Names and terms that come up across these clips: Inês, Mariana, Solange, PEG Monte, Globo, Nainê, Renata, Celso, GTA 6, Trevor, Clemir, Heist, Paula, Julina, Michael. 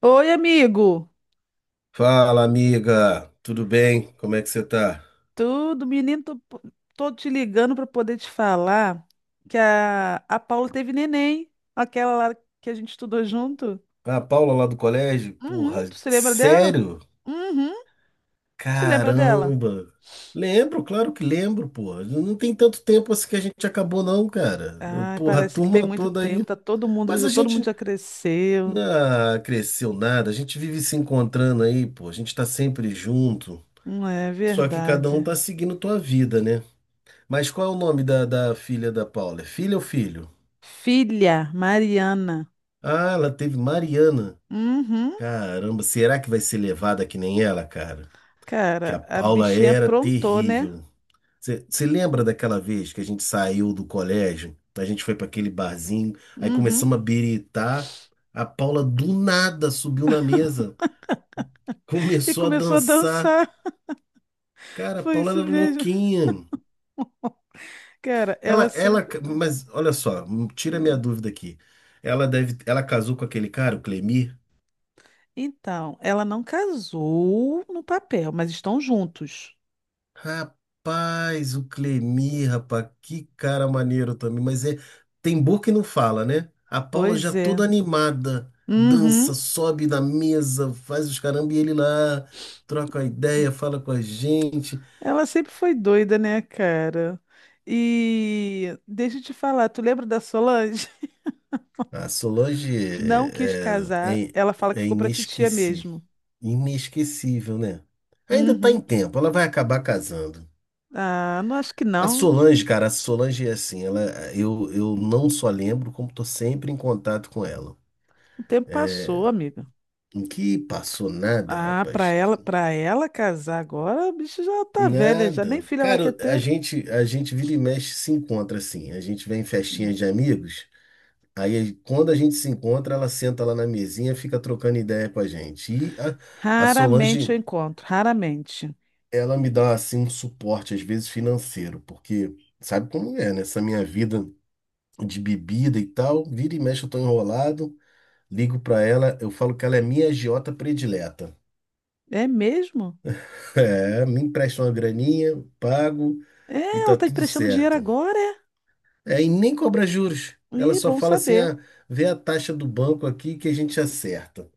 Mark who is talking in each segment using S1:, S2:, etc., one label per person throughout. S1: Oi, amigo.
S2: Fala, amiga, tudo bem? Como é que você tá?
S1: Tudo, menino, tô te ligando para poder te falar que a Paula teve neném, aquela lá que a gente estudou junto.
S2: Ah, a Paula lá do colégio?
S1: Uhum,
S2: Porra,
S1: tu se lembra dela?
S2: sério?
S1: Uhum, tu se lembra dela?
S2: Caramba! Lembro, claro que lembro, porra. Não tem tanto tempo assim que a gente acabou, não, cara.
S1: Ai,
S2: Porra, a
S1: parece que tem
S2: turma
S1: muito
S2: toda
S1: tempo,
S2: aí.
S1: tá todo mundo,
S2: Mas a
S1: todo mundo
S2: gente
S1: já cresceu.
S2: não cresceu nada, a gente vive se encontrando aí, pô. A gente tá sempre junto.
S1: Não é
S2: Só que cada um
S1: verdade.
S2: tá seguindo tua vida, né? Mas qual é o nome da filha da Paula? É filha ou filho?
S1: Filha, Mariana.
S2: Ah, ela teve Mariana.
S1: Uhum.
S2: Caramba, será que vai ser levada que nem ela, cara? Que a
S1: Cara, a
S2: Paula
S1: bichinha
S2: era
S1: aprontou, né?
S2: terrível. Você lembra daquela vez que a gente saiu do colégio? A gente foi para aquele barzinho, aí
S1: Uhum.
S2: começamos a biritar. A Paula do nada subiu na mesa,
S1: E
S2: começou a
S1: começou a
S2: dançar.
S1: dançar.
S2: Cara, a
S1: Foi
S2: Paula
S1: isso
S2: era
S1: mesmo.
S2: louquinha.
S1: Cara,
S2: Ela,
S1: ela
S2: ela,
S1: sempre...
S2: mas olha só, tira minha
S1: Hum.
S2: dúvida aqui. Ela deve, ela casou com aquele cara, o Clemir?
S1: Então, ela não casou no papel, mas estão juntos.
S2: Rapaz, o Clemir, rapaz, que cara maneiro também. Mas é, tem boca que não fala, né? A Paula já
S1: Pois
S2: toda
S1: é.
S2: animada,
S1: Uhum.
S2: dança, sobe na mesa, faz os caramba e ele lá troca a ideia, fala com a gente.
S1: Ela sempre foi doida, né, cara? E deixa eu te falar, tu lembra da Solange?
S2: A Solange
S1: Não quis
S2: é,
S1: casar.
S2: é, é
S1: Ela fala que
S2: é
S1: ficou pra titia
S2: inesquecível.
S1: mesmo.
S2: Inesquecível, né? Ainda tá em
S1: Uhum.
S2: tempo, ela vai acabar casando.
S1: Ah, não acho que
S2: A
S1: não.
S2: Solange, cara, a Solange é assim, ela, eu não só lembro, como tô sempre em contato com ela.
S1: O tempo passou, amiga.
S2: Que passou nada,
S1: Ah, pra
S2: rapaz.
S1: ela, para ela casar agora, a bicha já tá velha, já nem
S2: Nada.
S1: filha ela quer
S2: Cara, a
S1: ter.
S2: gente, a gente vira e mexe se encontra assim. A gente vem em festinhas de amigos. Aí, quando a gente se encontra, ela senta lá na mesinha, fica trocando ideia com a gente. E a
S1: Raramente
S2: Solange,
S1: eu encontro, raramente.
S2: ela me dá assim um suporte, às vezes financeiro, porque sabe como é, né? Essa minha vida de bebida e tal, vira e mexe, eu tô enrolado. Ligo pra ela, eu falo que ela é minha agiota predileta.
S1: É mesmo?
S2: É, me empresta uma graninha, pago.
S1: É,
S2: E
S1: ela
S2: tá
S1: tá
S2: tudo
S1: emprestando dinheiro
S2: certo.
S1: agora, é?
S2: É, e nem cobra juros. Ela
S1: Ih,
S2: só
S1: bom
S2: fala assim,
S1: saber.
S2: vê a taxa do banco aqui que a gente acerta.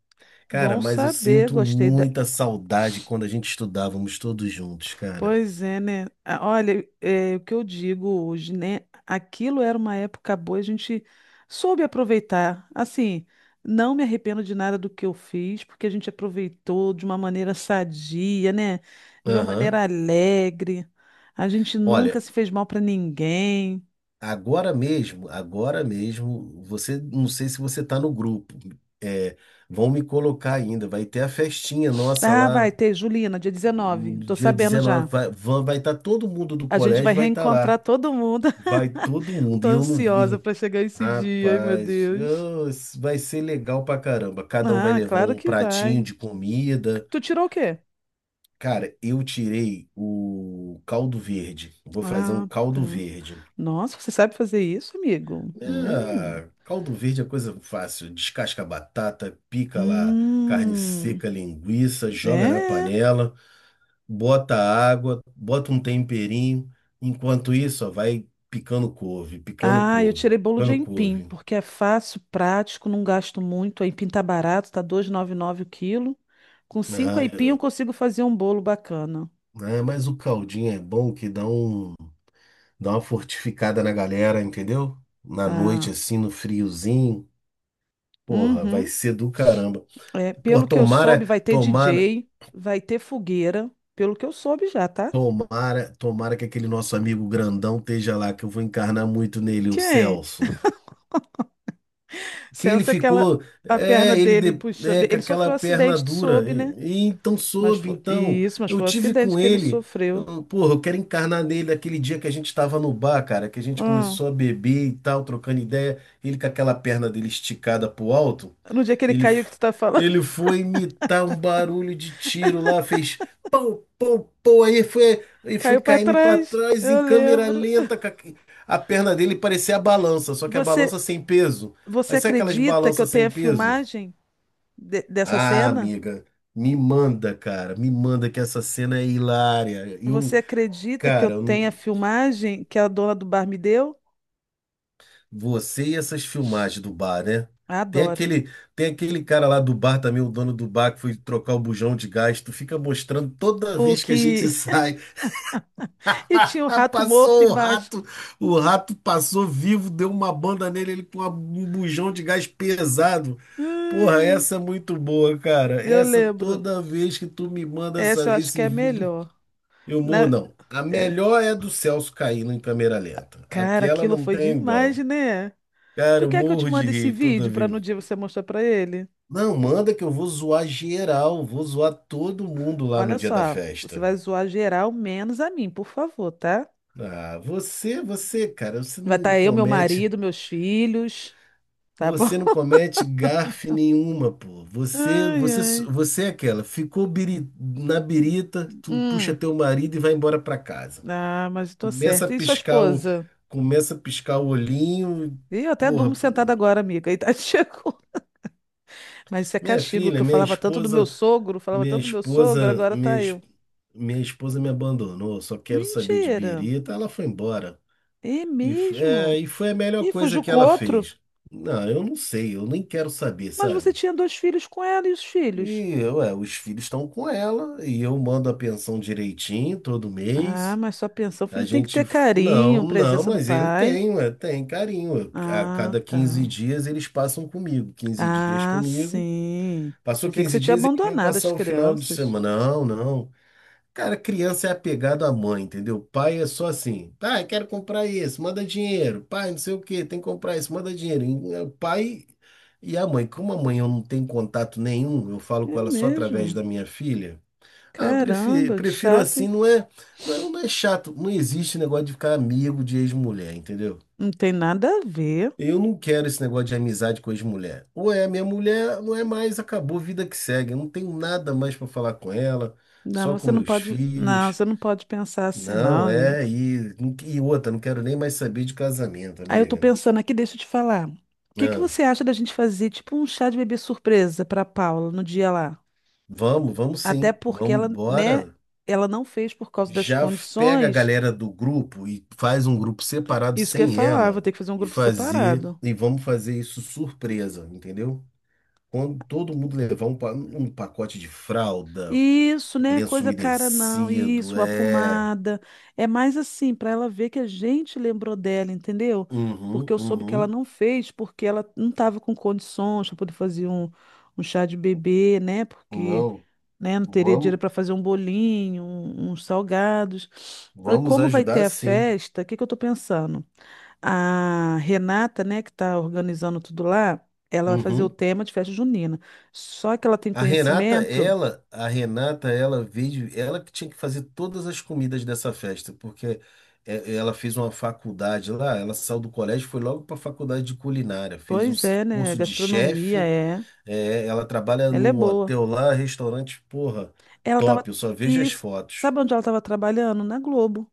S2: Cara,
S1: Bom
S2: mas eu
S1: saber,
S2: sinto
S1: gostei da...
S2: muita saudade quando a gente estudávamos todos juntos, cara.
S1: Pois é, né? Ah, olha, é, o que eu digo hoje, né? Aquilo era uma época boa, a gente soube aproveitar. Assim, não me arrependo de nada do que eu fiz, porque a gente aproveitou de uma maneira sadia, né? De uma
S2: Aham.
S1: maneira alegre. A gente nunca
S2: Olha,
S1: se fez mal para ninguém.
S2: agora mesmo, você, não sei se você tá no grupo. É, vão me colocar ainda, vai ter a festinha nossa
S1: Ah, vai
S2: lá
S1: ter, Julina, dia
S2: no
S1: 19. Tô
S2: dia
S1: sabendo
S2: 19,
S1: já.
S2: vai estar todo mundo do
S1: A gente vai
S2: colégio vai estar
S1: reencontrar
S2: lá.
S1: todo mundo.
S2: Vai todo mundo.
S1: Tô
S2: E eu não
S1: ansiosa
S2: vi.
S1: para chegar esse dia, ai meu
S2: Rapaz,
S1: Deus.
S2: isso vai ser legal pra caramba. Cada um vai
S1: Ah,
S2: levar
S1: claro
S2: um
S1: que
S2: pratinho
S1: vai.
S2: de comida.
S1: Tu tirou o quê?
S2: Cara, eu tirei o caldo verde. Vou fazer um
S1: Ah,
S2: caldo
S1: tá.
S2: verde.
S1: Nossa, você sabe fazer isso, amigo? Hum.
S2: Ah, caldo verde é coisa fácil. Descasca a batata, pica lá carne
S1: Hum.
S2: seca, linguiça, joga na
S1: É.
S2: panela, bota água, bota um temperinho. Enquanto isso, ó, vai picando couve, picando
S1: Ah, eu
S2: couve,
S1: tirei bolo de
S2: picando
S1: aipim,
S2: couve.
S1: porque é fácil, prático, não gasto muito. Aipim tá barato, tá 2,99 o quilo. Com cinco
S2: Ah,
S1: aipim eu
S2: eu-
S1: consigo fazer um bolo bacana.
S2: ah, mas o caldinho é bom que dá uma fortificada na galera, entendeu? Na noite,
S1: Ah.
S2: assim, no friozinho. Porra, vai
S1: Uhum.
S2: ser do caramba.
S1: É,
S2: Pô,
S1: pelo que eu soube, vai ter DJ, vai ter fogueira, pelo que eu soube já, tá?
S2: tomara que aquele nosso amigo grandão esteja lá, que eu vou encarnar muito nele, o
S1: Quem?
S2: Celso. Que ele
S1: Sensa aquela,
S2: ficou,
S1: a perna
S2: é,
S1: dele puxando.
S2: é, com
S1: Ele sofreu
S2: aquela
S1: um
S2: perna
S1: acidente, tu
S2: dura.
S1: soube, né?
S2: E então
S1: Mas
S2: soube,
S1: foi
S2: então,
S1: isso, mas
S2: eu
S1: foi um
S2: tive
S1: acidente
S2: com
S1: que ele
S2: ele.
S1: sofreu.
S2: Eu, porra, eu quero encarnar nele aquele dia que a gente estava no bar, cara, que a gente
S1: Hum.
S2: começou a beber e tal, trocando ideia, ele com aquela perna dele esticada pro alto.
S1: No dia que ele
S2: Ele,
S1: caiu, que
S2: f-
S1: tu tá falando,
S2: ele foi imitar um barulho de tiro lá, fez pau, pau, pau, aí foi
S1: caiu pra
S2: caindo para
S1: trás.
S2: trás em
S1: Eu
S2: câmera
S1: lembro.
S2: lenta, com a perna dele parecia a balança, só que a
S1: Você,
S2: balança sem peso.
S1: você
S2: Aí sabe aquelas
S1: acredita que eu
S2: balanças sem
S1: tenha
S2: peso?
S1: filmagem dessa
S2: Ah,
S1: cena?
S2: amiga, me manda que essa cena é hilária. Eu,
S1: Você acredita que eu
S2: cara, eu
S1: tenha
S2: não-
S1: filmagem que a dona do bar me deu?
S2: você e essas filmagens do bar, né? Tem
S1: Adoro.
S2: aquele, tem aquele cara lá do bar também, o dono do bar que foi trocar o bujão de gás, tu fica mostrando toda
S1: O
S2: vez que a gente
S1: que
S2: sai.
S1: E tinha um rato morto
S2: Passou o
S1: embaixo.
S2: rato, o rato passou vivo, deu uma banda nele, ele com um bujão de gás pesado.
S1: Ai,
S2: Porra,
S1: ai.
S2: essa é muito boa, cara.
S1: Eu
S2: Essa
S1: lembro.
S2: toda vez que tu me manda
S1: Essa eu acho que
S2: esse
S1: é a
S2: vídeo,
S1: melhor.
S2: eu morro
S1: Na-
S2: não. A
S1: É,
S2: melhor é a do Celso caindo em câmera lenta.
S1: cara,
S2: Aquela
S1: aquilo
S2: não
S1: foi
S2: tem igual.
S1: demais, né?
S2: Cara,
S1: Tu
S2: eu
S1: quer que eu te
S2: morro de
S1: mande esse
S2: rir toda
S1: vídeo para no
S2: vez.
S1: dia você mostrar para ele?
S2: Não, manda que eu vou zoar geral, vou zoar todo mundo lá no
S1: Olha
S2: dia da
S1: só, você
S2: festa.
S1: vai zoar geral, menos a mim, por favor, tá?
S2: Ah, cara, você
S1: Vai
S2: não
S1: estar eu, meu
S2: comete.
S1: marido, meus filhos, tá bom?
S2: Você não comete gafe nenhuma, pô.
S1: Ai, ai.
S2: Você é aquela. Na birita, tu puxa
S1: Hum.
S2: teu marido e vai embora pra casa.
S1: Ah, mas eu tô
S2: Começa a
S1: certa. E sua
S2: piscar o,
S1: esposa?
S2: começa a piscar o olhinho.
S1: Ih, eu até durmo
S2: Porra,
S1: sentada agora, amiga. E tá chegou. Mas isso é
S2: minha
S1: castigo, que
S2: filha,
S1: eu
S2: minha
S1: falava tanto do meu
S2: esposa,
S1: sogro, falava
S2: minha
S1: tanto do meu sogro,
S2: esposa,
S1: agora
S2: minha,
S1: tá
S2: es-
S1: eu.
S2: minha esposa me abandonou. Só quero saber de
S1: Mentira!
S2: birita. Ela foi embora.
S1: É mesmo?
S2: E foi a melhor
S1: E
S2: coisa
S1: fugiu
S2: que
S1: com
S2: ela
S1: outro?
S2: fez. Não, eu não sei, eu nem quero saber,
S1: Mas você
S2: sabe?
S1: tinha dois filhos com ela e os filhos?
S2: E ué, os filhos estão com ela e eu mando a pensão direitinho todo
S1: Ah,
S2: mês.
S1: mas só pensão, o
S2: A
S1: filho tem que
S2: gente,
S1: ter
S2: não,
S1: carinho,
S2: não,
S1: presença do
S2: mas ele
S1: pai.
S2: tem, ué, tem carinho. Ué. A
S1: Ah,
S2: cada
S1: tá.
S2: 15 dias eles passam comigo, quinze dias
S1: Ah,
S2: comigo.
S1: sim.
S2: Passou
S1: Pensei que
S2: 15
S1: você tinha
S2: dias, eles vêm
S1: abandonado as
S2: passar o final de
S1: crianças.
S2: semana. Não, não. Cara, criança é apegado à mãe, entendeu? Pai é só assim, pai, quero comprar isso, manda dinheiro. Pai, não sei o que tem que comprar isso, manda dinheiro. O pai e a mãe, como a mãe eu não tenho contato nenhum, eu falo com
S1: É
S2: ela só através
S1: mesmo?
S2: da minha filha. Ah,
S1: Caramba, que
S2: prefiro
S1: chato,
S2: assim,
S1: hein?
S2: não, não é chato, não existe negócio de ficar amigo de ex-mulher, entendeu?
S1: Não tem nada a ver.
S2: Eu não quero esse negócio de amizade com ex-mulher. Ou é a minha mulher, não é mais, acabou, vida que segue. Eu não tenho nada mais para falar com ela,
S1: Não,
S2: só com
S1: você não
S2: meus
S1: pode. Não,
S2: filhos.
S1: você não pode pensar assim,
S2: Não,
S1: não, amigo.
S2: é, e outra, não quero nem mais saber de casamento,
S1: Aí eu tô
S2: amiga.
S1: pensando aqui, deixa eu te falar. O que que
S2: Não,
S1: você acha da gente fazer tipo um chá de bebê surpresa para Paula no dia lá?
S2: vamos
S1: Até
S2: sim,
S1: porque
S2: vamos,
S1: ela, né,
S2: bora.
S1: ela não fez por causa das
S2: Pega a
S1: condições.
S2: galera do grupo e faz um grupo separado
S1: Isso que eu ia
S2: sem
S1: falar, vou
S2: ela
S1: ter que fazer um
S2: e
S1: grupo
S2: fazer,
S1: separado.
S2: e vamos fazer isso surpresa, entendeu? Quando todo mundo levar um pacote de fralda,
S1: Isso, né,
S2: lenço
S1: coisa cara não.
S2: umedecido,
S1: Isso, uma
S2: é.
S1: pomada. É mais assim para ela ver que a gente lembrou dela, entendeu? Porque
S2: Uhum,
S1: eu soube que ela
S2: uhum.
S1: não fez porque ela não estava com condições para poder fazer um, um chá de bebê, né? Porque
S2: Não,
S1: né? Não teria dinheiro
S2: vamos,
S1: para fazer um bolinho, uns salgados. Aí,
S2: vamos
S1: como vai ter
S2: ajudar
S1: a
S2: sim.
S1: festa, o que que eu estou pensando? A Renata, né, que está organizando tudo lá, ela vai fazer o
S2: Uhum.
S1: tema de festa junina. Só que ela tem conhecimento,
S2: A Renata, ela que tinha que fazer todas as comidas dessa festa, porque é, ela fez uma faculdade lá, ela saiu do colégio, e foi logo para a faculdade de culinária, fez um
S1: pois é, né?
S2: curso de
S1: Gastronomia
S2: chefe,
S1: é,
S2: é, ela trabalha
S1: ela é
S2: num
S1: boa.
S2: hotel lá, restaurante, porra,
S1: Ela estava...
S2: top, eu só vejo as
S1: Isso,
S2: fotos.
S1: sabe onde ela estava trabalhando? Na Globo,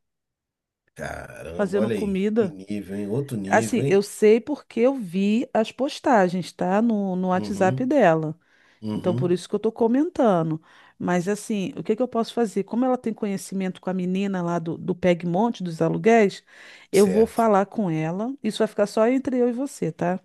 S2: Caramba,
S1: fazendo
S2: olha aí, que
S1: comida.
S2: nível, hein? Outro nível,
S1: Assim, eu
S2: hein?
S1: sei porque eu vi as postagens, tá? No WhatsApp
S2: Uhum,
S1: dela. Então, por
S2: uhum,
S1: isso que eu estou comentando. Mas, assim, o que que eu posso fazer? Como ela tem conhecimento com a menina lá do PEG Monte, dos aluguéis, eu vou
S2: certo.
S1: falar com ela. Isso vai ficar só entre eu e você, tá?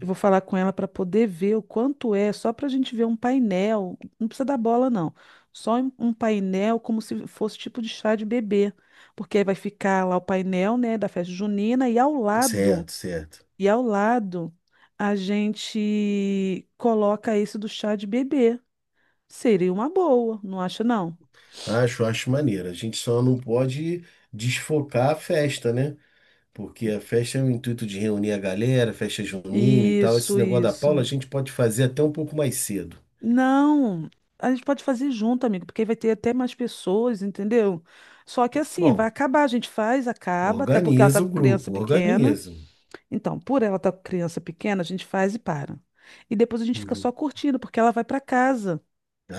S1: Eu vou falar com ela para poder ver o quanto é, só para a gente ver um painel. Não precisa dar bola, não. Só um painel, como se fosse tipo de chá de bebê. Porque aí vai ficar lá o painel, né, da festa junina,
S2: certo, certo.
S1: e ao lado, a gente coloca esse do chá de bebê. Seria uma boa, não acha não?
S2: Acho, acho maneiro. A gente só não pode desfocar a festa, né? Porque a festa é o intuito de reunir a galera, festa junina e tal. Esse
S1: Isso,
S2: negócio da Paula a
S1: isso.
S2: gente pode fazer até um pouco mais cedo.
S1: Não, a gente pode fazer junto, amigo, porque aí vai ter até mais pessoas, entendeu? Só que assim, vai
S2: Bom,
S1: acabar, a gente faz, acaba, até porque ela tá
S2: organiza o
S1: com criança
S2: grupo,
S1: pequena.
S2: organiza.
S1: Então, por ela estar tá com criança pequena, a gente faz e para. E depois a gente fica só
S2: Uhum.
S1: curtindo, porque ela vai para casa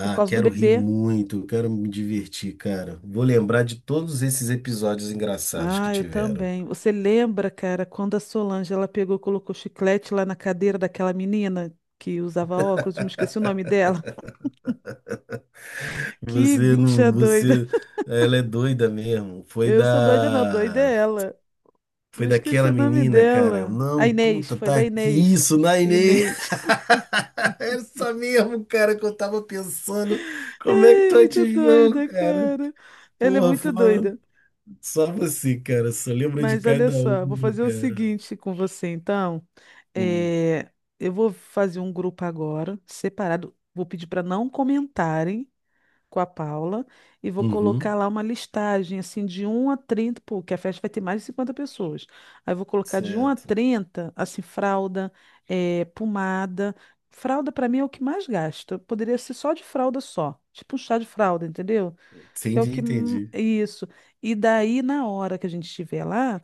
S1: por causa do
S2: quero rir
S1: bebê.
S2: muito, quero me divertir, cara. Vou lembrar de todos esses episódios engraçados que
S1: Ah, eu
S2: tiveram.
S1: também. Você lembra, cara, quando a Solange ela pegou, e colocou chiclete lá na cadeira daquela menina que usava óculos, eu me esqueci o nome dela. Que
S2: Você
S1: bicha
S2: não,
S1: doida.
S2: você, ela é doida mesmo.
S1: Eu sou doida, não, doida é ela.
S2: Foi
S1: Eu esqueci
S2: daquela
S1: o nome
S2: menina, cara.
S1: dela. A
S2: Não,
S1: Inês,
S2: puta,
S1: foi
S2: tá
S1: da
S2: aqui
S1: Inês.
S2: isso, Nainê.
S1: Inês.
S2: Era isso mesmo, cara, que eu tava pensando. Como é que
S1: Ai,
S2: tu
S1: muito
S2: adivinhou,
S1: doida,
S2: cara?
S1: cara. Ela é
S2: Porra,
S1: muito
S2: foram
S1: doida.
S2: só você, cara. Só lembra de
S1: Mas olha
S2: cada um,
S1: só, vou fazer o
S2: cara.
S1: seguinte com você, então.
S2: Hum.
S1: É, eu vou fazer um grupo agora, separado. Vou pedir para não comentarem com a Paula e vou colocar
S2: Uhum,
S1: lá uma listagem assim de um a 30, porque a festa vai ter mais de 50 pessoas. Aí eu vou colocar de um a
S2: certo.
S1: 30 assim, fralda, pomada. Fralda para mim é o que mais gasta. Poderia ser só de fralda só, tipo um chá de fralda, entendeu? Que é o
S2: Entendi,
S1: que
S2: entendi.
S1: isso. E daí na hora que a gente estiver lá,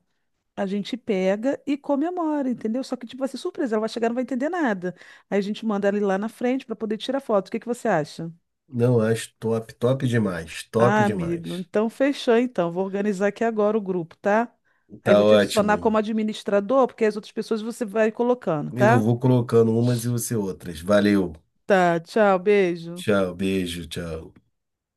S1: a gente pega e comemora, entendeu? Só que, tipo, vai ser surpresa, ela vai chegar e não vai entender nada. Aí a gente manda ele lá na frente para poder tirar foto. O que que você acha?
S2: Não, acho top, top demais, top
S1: Ah, amigo,
S2: demais.
S1: então fechou então. Vou organizar aqui agora o grupo, tá? Aí
S2: Tá
S1: vou te adicionar como
S2: ótimo.
S1: administrador, porque as outras pessoas você vai colocando,
S2: Eu
S1: tá?
S2: vou colocando umas e você outras. Valeu.
S1: Tá, tchau, beijo.
S2: Tchau, beijo, tchau.